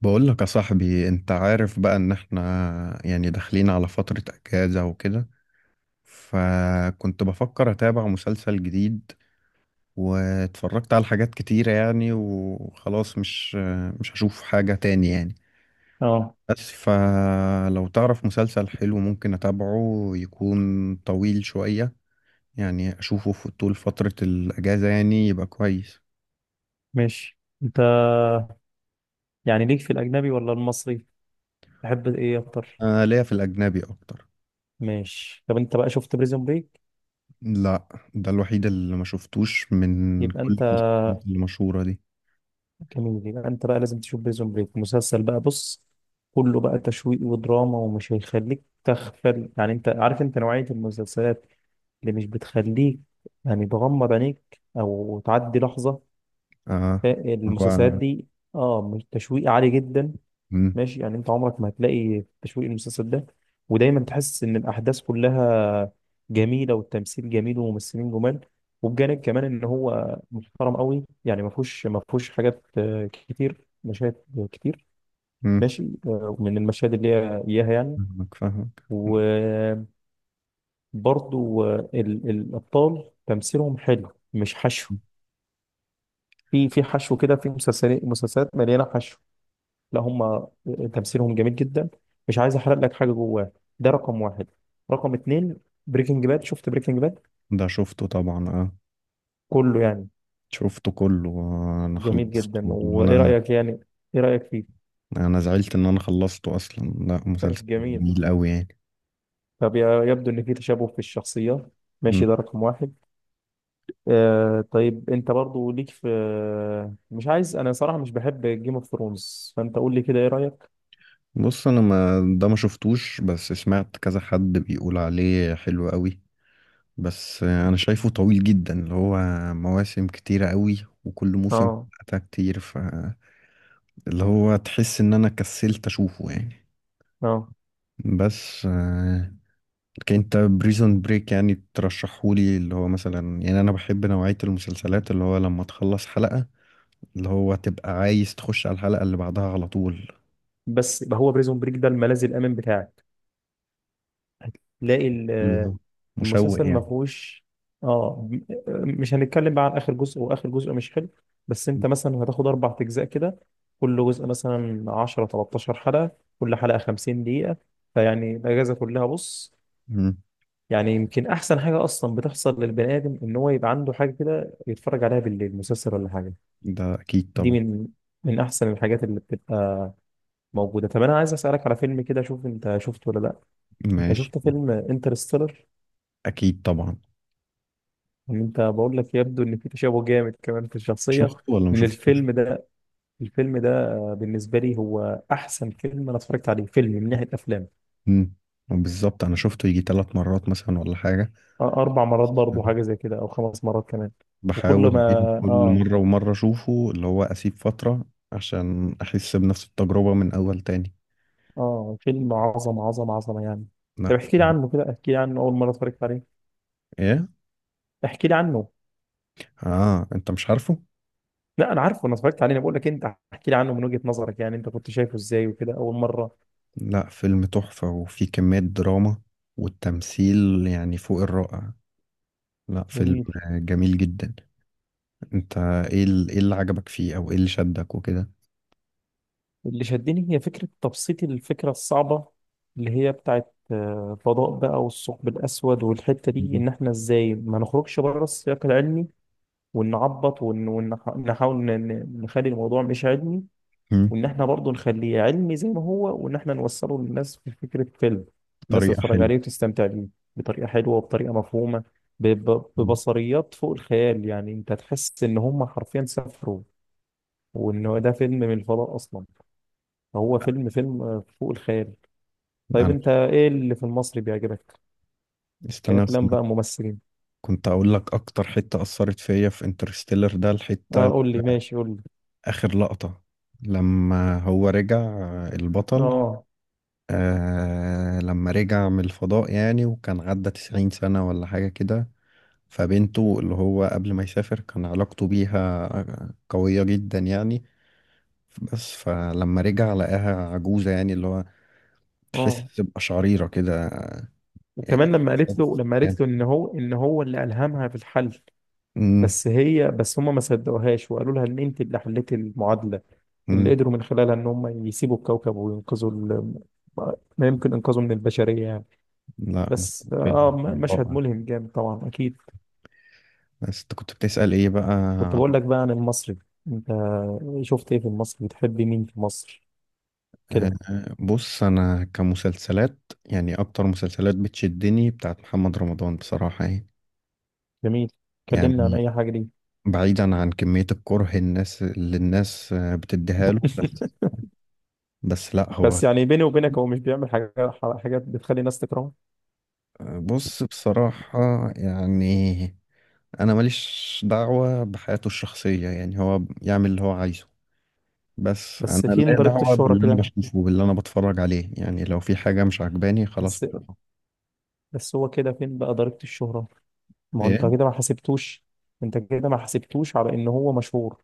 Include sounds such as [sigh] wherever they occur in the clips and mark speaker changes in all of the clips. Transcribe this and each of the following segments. Speaker 1: بقول لك يا صاحبي، انت عارف بقى ان احنا يعني داخلين على فترة اجازة وكده. فكنت بفكر اتابع مسلسل جديد. واتفرجت على حاجات كتيرة يعني، وخلاص مش هشوف حاجة تاني يعني.
Speaker 2: اه،
Speaker 1: بس فلو تعرف مسلسل حلو ممكن اتابعه يكون طويل شوية، يعني اشوفه في طول فترة الاجازة يعني يبقى كويس.
Speaker 2: ماشي. انت يعني ليك في الاجنبي ولا المصري؟ تحب ايه اكتر؟
Speaker 1: انا ليا في الاجنبي اكتر.
Speaker 2: ماشي. طب انت بقى شفت بريزون بريك؟
Speaker 1: لا، ده الوحيد اللي ما شفتوش من
Speaker 2: يبقى
Speaker 1: كل
Speaker 2: انت
Speaker 1: المسلسلات المشهورة دي.
Speaker 2: جميل. يبقى انت بقى لازم تشوف بريزون بريك. مسلسل بقى، بص، كله بقى تشويق ودراما ومش هيخليك تغفل. يعني انت عارف انت نوعية المسلسلات اللي مش بتخليك يعني تغمض عينيك او تعدي لحظة.
Speaker 1: اه. هو.
Speaker 2: المسلسلات دي، اه، مش تشويق عالي جدا.
Speaker 1: مم،
Speaker 2: ماشي، يعني انت عمرك ما هتلاقي تشويق المسلسل ده، ودايما تحس ان الاحداث كلها جميله، والتمثيل جميل وممثلين جمال. وبجانب كمان ان هو محترم قوي، يعني ما فيهوش حاجات كتير، مشاهد كتير.
Speaker 1: مم،
Speaker 2: ماشي. من المشاهد اللي هي اياها يعني.
Speaker 1: فاهمك فاهمك.
Speaker 2: وبرضو الابطال تمثيلهم حلو، مش حشو. في حشو كده في مسلسلات مليانه حشو. لا، هم تمثيلهم جميل جدا. مش عايز احرق لك حاجه جواه. ده رقم واحد. رقم اتنين، بريكنج باد. شفت بريكنج باد؟
Speaker 1: ده شفته طبعا، اه.
Speaker 2: كله يعني
Speaker 1: شفته كله، انا
Speaker 2: جميل
Speaker 1: خلصته
Speaker 2: جدا. وايه
Speaker 1: وانا.
Speaker 2: رايك يعني، ايه رايك فيه؟
Speaker 1: انا زعلت ان انا خلصته اصلا، لا مسلسل
Speaker 2: [laughs] جميل.
Speaker 1: جميل قوي يعني.
Speaker 2: طب يبدو ان في تشابه في الشخصيات.
Speaker 1: مم.
Speaker 2: ماشي، ده رقم واحد. طيب، انت برضو ليك في؟ مش عايز، انا صراحه مش بحب جيم اوف ثرونز، فانت قول لي كده، ايه رايك؟
Speaker 1: بص، انا ما ده ما شفتوش، بس سمعت كذا حد بيقول عليه حلو قوي. بس، انا شايفه طويل جدا، اللي هو مواسم كتيرة قوي وكل موسم
Speaker 2: اه.
Speaker 1: حلقتها كتير ف اللي هو تحس ان انا كسلت اشوفه يعني.
Speaker 2: اه.
Speaker 1: بس لكن انت بريزون بريك يعني ترشحهولي، اللي هو مثلا يعني انا بحب نوعية المسلسلات اللي هو لما تخلص حلقة اللي هو تبقى عايز تخش على الحلقة اللي بعدها على طول،
Speaker 2: بس هو بريزون بريك ده الملاذ الامن بتاعك، تلاقي
Speaker 1: اللي هو
Speaker 2: المسلسل
Speaker 1: مشوق
Speaker 2: ما
Speaker 1: يعني.
Speaker 2: فيهوش. اه م- مش هنتكلم بقى عن اخر جزء، واخر جزء مش حلو. بس انت مثلا هتاخد اربع اجزاء كده، كل جزء مثلا 10، 13 حلقه، كل حلقه 50 دقيقه. فيعني الاجازه كلها، بص،
Speaker 1: مم.
Speaker 2: يعني يمكن احسن حاجه اصلا بتحصل للبني ادم ان هو يبقى عنده حاجه كده يتفرج عليها بالليل، مسلسل ولا حاجه.
Speaker 1: ده اكيد
Speaker 2: دي
Speaker 1: طبعا.
Speaker 2: من احسن الحاجات اللي بتبقى موجوده. طب انا عايز اسالك على فيلم كده، اشوف انت شفته ولا لا. انت
Speaker 1: ماشي.
Speaker 2: شفت فيلم انترستيلر؟
Speaker 1: اكيد طبعا.
Speaker 2: انت، بقول لك يبدو ان في تشابه جامد كمان في الشخصيه
Speaker 1: شفته ولا ما
Speaker 2: من
Speaker 1: شفتوش.
Speaker 2: الفيلم ده. الفيلم ده بالنسبه لي هو احسن فيلم انا اتفرجت عليه، فيلم من ناحيه افلام.
Speaker 1: مم. بالظبط انا شفته يجي 3 مرات مثلا ولا حاجة.
Speaker 2: اربع مرات برضه، حاجه زي كده، او خمس مرات كمان. وكل
Speaker 1: بحاول
Speaker 2: ما
Speaker 1: بين كل
Speaker 2: اه
Speaker 1: مرة ومرة أشوفه، اللي هو أسيب فترة عشان أحس بنفس التجربة من أول تاني.
Speaker 2: اه فيلم عظمه عظمه عظمه يعني.
Speaker 1: لا
Speaker 2: طب احكي لي
Speaker 1: فيلم.
Speaker 2: عنه كده، احكي لي عنه اول مره اتفرجت عليه.
Speaker 1: إيه؟
Speaker 2: احكي لي عنه.
Speaker 1: آه أنت مش عارفه؟
Speaker 2: لا، انا عارفه، انا اتفرجت عليه، انا بقول لك انت احكي لي عنه من وجهه نظرك، يعني انت كنت شايفه ازاي وكده اول مره.
Speaker 1: لا فيلم تحفة، وفيه كمية دراما والتمثيل يعني فوق الرائع. لا فيلم
Speaker 2: جميل.
Speaker 1: جميل جدا. أنت، إيه إيه اللي عجبك فيه أو إيه اللي شدك وكده؟
Speaker 2: اللي شدني هي فكرة تبسيط الفكرة الصعبة، اللي هي بتاعت الفضاء بقى، والثقب الأسود والحتة دي،
Speaker 1: مم.
Speaker 2: إن إحنا إزاي ما نخرجش بره السياق العلمي، ونعبط ونحاول نخلي الموضوع مش علمي،
Speaker 1: مم.
Speaker 2: وإن إحنا برضه نخليه علمي زي ما هو، وإن إحنا نوصله للناس في فكرة فيلم. الناس
Speaker 1: طريقة
Speaker 2: تتفرج
Speaker 1: حلوة.
Speaker 2: عليه وتستمتع بيه بطريقة حلوة وبطريقة مفهومة،
Speaker 1: مم.
Speaker 2: ببصريات فوق الخيال. يعني أنت تحس إن هم حرفيًا سافروا، وإن هو ده فيلم من الفضاء أصلًا. هو فيلم فوق الخيال. طيب
Speaker 1: أنا،
Speaker 2: انت ايه اللي في المصري بيعجبك؟
Speaker 1: استنى بس
Speaker 2: كأفلام
Speaker 1: أنا
Speaker 2: بقى، ممثلين.
Speaker 1: كنت أقول لك أكتر حتة أثرت فيا في انترستيلر ده
Speaker 2: اه،
Speaker 1: الحتة
Speaker 2: قول لي. ماشي، قول لي.
Speaker 1: آخر لقطة، لما هو رجع البطل،
Speaker 2: اه.
Speaker 1: لما رجع من الفضاء يعني وكان عدى 90 سنة ولا حاجة كده، فبنته اللي هو قبل ما يسافر كان علاقته بيها قوية جدا يعني. بس فلما رجع لقاها عجوزة، يعني اللي هو
Speaker 2: اه.
Speaker 1: تحس بقشعريرة كده يعني،
Speaker 2: وكمان لما قالت له لما
Speaker 1: يعني-
Speaker 2: قالت له ان هو اللي ألهمها في الحل.
Speaker 1: مم،
Speaker 2: بس هم ما صدقوهاش وقالوا لها ان انت اللي حليتي المعادلة، اللي
Speaker 1: مم.
Speaker 2: قدروا من خلالها ان هم يسيبوا الكوكب وينقذوا ما يمكن انقاذه من البشرية يعني.
Speaker 1: لا
Speaker 2: بس
Speaker 1: فيلم
Speaker 2: مشهد
Speaker 1: رائع.
Speaker 2: ملهم جامد، طبعا، اكيد.
Speaker 1: بس انت كنت بتسأل ايه بقى.
Speaker 2: كنت بقول لك بقى عن المصري. انت شفت ايه في المصري؟ بتحب مين في مصر كده؟
Speaker 1: آه، بص انا كمسلسلات يعني اكتر مسلسلات بتشدني بتاعت محمد رمضان بصراحة يعني.
Speaker 2: جميل. كلمنا عن
Speaker 1: يعني
Speaker 2: اي حاجه دي.
Speaker 1: بعيدا عن كمية الكره، الناس اللي الناس بتديها له بس.
Speaker 2: [laughs]
Speaker 1: بس لا هو.
Speaker 2: بس يعني بيني وبينك، هو مش بيعمل حاجات بتخلي الناس تكرهه.
Speaker 1: بص، بصراحة يعني انا ماليش دعوة بحياته الشخصية، يعني هو يعمل اللي هو عايزه. بس انا
Speaker 2: بس فين
Speaker 1: ليا
Speaker 2: ضريبه
Speaker 1: دعوة
Speaker 2: الشهره
Speaker 1: باللي انا
Speaker 2: كده؟
Speaker 1: بشوفه، باللي انا بتفرج عليه، يعني لو في حاجة مش عجباني خلاص
Speaker 2: بس،
Speaker 1: بقى.
Speaker 2: بس هو كده فين بقى ضريبه الشهره؟ ما هو انت كده ما حسبتوش، انت كده ما حسبتوش على ان هو مشهور.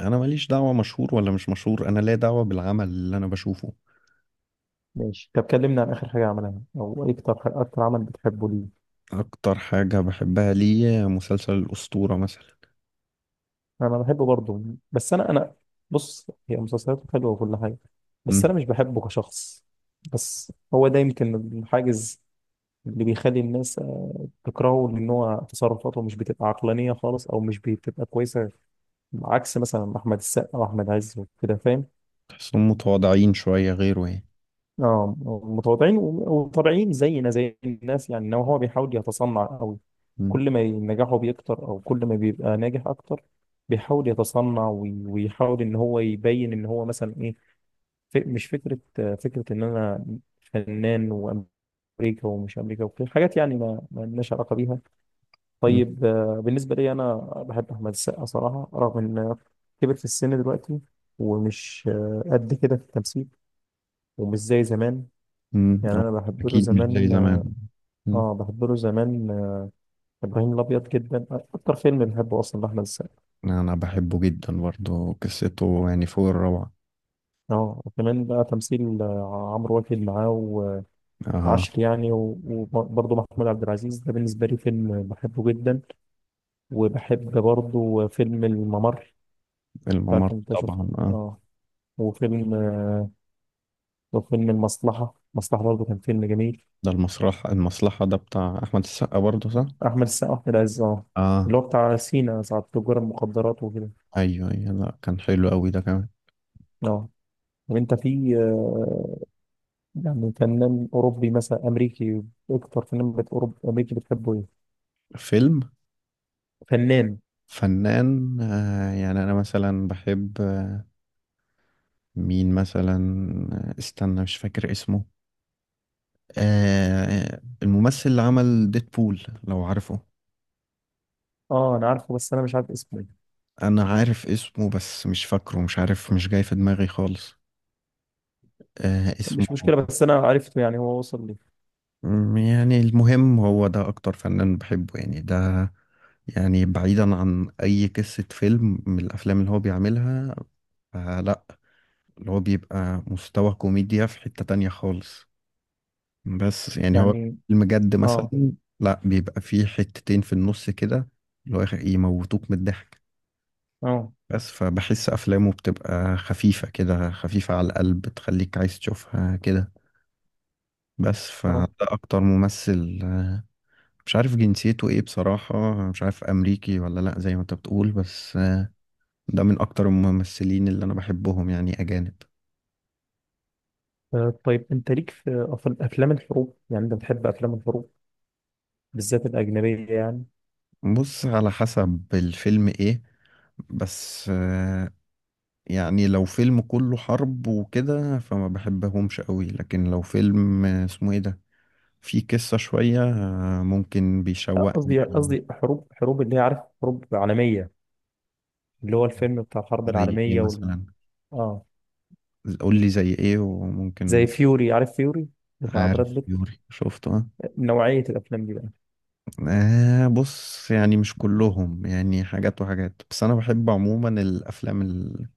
Speaker 1: انا ماليش دعوة مشهور ولا مش مشهور، انا لا دعوة بالعمل اللي انا بشوفه.
Speaker 2: ماشي. طب كلمنا عن اخر حاجه عملها، او إيه اكتر عمل بتحبه، ليه؟
Speaker 1: اكتر حاجة بحبها ليه مسلسل الأسطورة مثلا.
Speaker 2: انا بحبه برضه. بس انا، بص، هي مسلسلاته حلوه وكل حاجه، بس انا
Speaker 1: مم.
Speaker 2: مش بحبه كشخص. بس هو ده يمكن الحاجز اللي بيخلي الناس تكرهه، لأن هو تصرفاته مش بتبقى عقلانية خالص، أو مش بتبقى كويسة، عكس مثلا أحمد السقا وأحمد عز وكده، فاهم؟
Speaker 1: تحسهم متواضعين شوية غيره يعني.
Speaker 2: اه، متواضعين وطبيعيين زينا زي الناس، يعني إنما هو بيحاول يتصنع قوي.
Speaker 1: مم.
Speaker 2: كل ما نجاحه بيكتر، أو كل ما بيبقى ناجح أكتر، بيحاول يتصنع، ويحاول إن هو يبين إن هو مثلا إيه، مش فكرة فكرة إن أنا فنان وأمريكا، ومش أمريكا وكده حاجات يعني ما لناش علاقة بيها.
Speaker 1: مم.
Speaker 2: طيب بالنسبة لي أنا، بحب أحمد السقا صراحة، رغم إن كبر في السن دلوقتي، ومش قد كده في التمثيل، ومش زي زمان.
Speaker 1: مم.
Speaker 2: يعني
Speaker 1: أو،
Speaker 2: أنا بحب له
Speaker 1: اكيد مش زي
Speaker 2: زمان.
Speaker 1: زمان. مم.
Speaker 2: آه، بحب له زمان آه، إبراهيم الأبيض جدا، أكتر فيلم بحبه أصلا لأحمد السقا.
Speaker 1: انا بحبه جدا برضه قصته يعني فوق الروعة.
Speaker 2: وكمان بقى تمثيل عمرو واكد معاه،
Speaker 1: اه.
Speaker 2: وعشر يعني، وبرضه محمود عبد العزيز، ده بالنسبة لي فيلم بحبه جدا. وبحب برضه فيلم الممر، مش
Speaker 1: الممر
Speaker 2: عارف أنت شفته.
Speaker 1: طبعا، اه.
Speaker 2: آه. وفيلم آه، وفيلم المصلحة برضه، كان فيلم جميل.
Speaker 1: ده المسرح المصلحة ده بتاع احمد السقا برضه، صح.
Speaker 2: أحمد السقا، أحمد عز، أه،
Speaker 1: اه.
Speaker 2: اللي هو بتاع سينا، ساعة تجار المخدرات وكده.
Speaker 1: ايوه ايوه، لا كان حلو قوي ده كمان.
Speaker 2: أه. طب أنت في يعني فنان أوروبي مثلا، أمريكي، أكتر فنان أوروبي أمريكي بتحبه إيه؟
Speaker 1: فيلم.
Speaker 2: فنان.
Speaker 1: فنان، يعني انا مثلا بحب. مين مثلا. استنى مش فاكر اسمه. الممثل اللي عمل ديدبول لو عارفه.
Speaker 2: أه، أنا عارفه، بس أنا مش عارف اسمه إيه.
Speaker 1: انا عارف اسمه بس مش فاكره، مش عارف، مش جاي في دماغي خالص. اسمه،
Speaker 2: مش مشكلة، بس أنا عرفته يعني، هو وصل لي.
Speaker 1: يعني المهم هو ده اكتر فنان بحبه يعني، ده يعني بعيدا عن اي قصة فيلم من الافلام اللي هو بيعملها، فلا اللي هو بيبقى مستوى كوميديا في حتة تانية خالص. بس يعني هو
Speaker 2: يعني.
Speaker 1: المجد
Speaker 2: أه.
Speaker 1: مثلا، لا بيبقى فيه حتتين في النص كده، اللي هو يموتوك من الضحك.
Speaker 2: أه.
Speaker 1: بس فبحس أفلامه بتبقى خفيفة كده، خفيفة على القلب، تخليك عايز تشوفها كده. بس فده
Speaker 2: أه.
Speaker 1: أكتر ممثل. مش عارف جنسيته إيه بصراحة، مش عارف أمريكي ولا لأ زي ما أنت بتقول، بس. ده من أكتر الممثلين اللي أنا بحبهم يعني أجانب.
Speaker 2: طيب أنت ليك في أفلام الحروب؟ يعني أنت بتحب أفلام الحروب بالذات الأجنبية يعني؟
Speaker 1: بص على حسب الفيلم إيه. بس، يعني لو فيلم كله حرب وكده فما بحبهمش قوي، لكن لو فيلم اسمه ايه ده، فيه قصة شوية ممكن
Speaker 2: لا،
Speaker 1: بيشوقني
Speaker 2: قصدي
Speaker 1: يعني.
Speaker 2: قصدي حروب، حروب اللي هي، عارف، حروب عالمية، اللي هو الفيلم بتاع الحرب
Speaker 1: زي ايه
Speaker 2: العالمية.
Speaker 1: مثلا.
Speaker 2: اه،
Speaker 1: قول لي زي ايه
Speaker 2: زي
Speaker 1: وممكن.
Speaker 2: فيوري، عارف فيوري، بتاع براد
Speaker 1: عارف
Speaker 2: بيت،
Speaker 1: يوري شفته، اه.
Speaker 2: نوعية الأفلام دي بقى.
Speaker 1: بص يعني مش كلهم يعني حاجات وحاجات، بس انا بحب عموما الافلام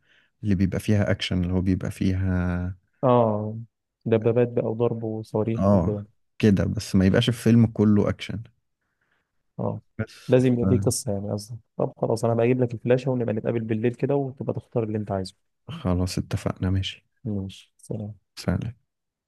Speaker 1: اللي بيبقى فيها اكشن، اللي هو بيبقى فيها.
Speaker 2: اه، دبابات بقى وضرب وصواريخ وكده.
Speaker 1: اه. كده، بس ما يبقاش الفيلم كله اكشن.
Speaker 2: اه،
Speaker 1: بس.
Speaker 2: لازم يبقى فيه قصة، يعني قصدي. طب خلاص، أنا بجيب لك الفلاشة ونبقى نتقابل بالليل كده، وتبقى تختار اللي أنت عايزه.
Speaker 1: خلاص اتفقنا، ماشي.
Speaker 2: ماشي، سلام.
Speaker 1: سلام.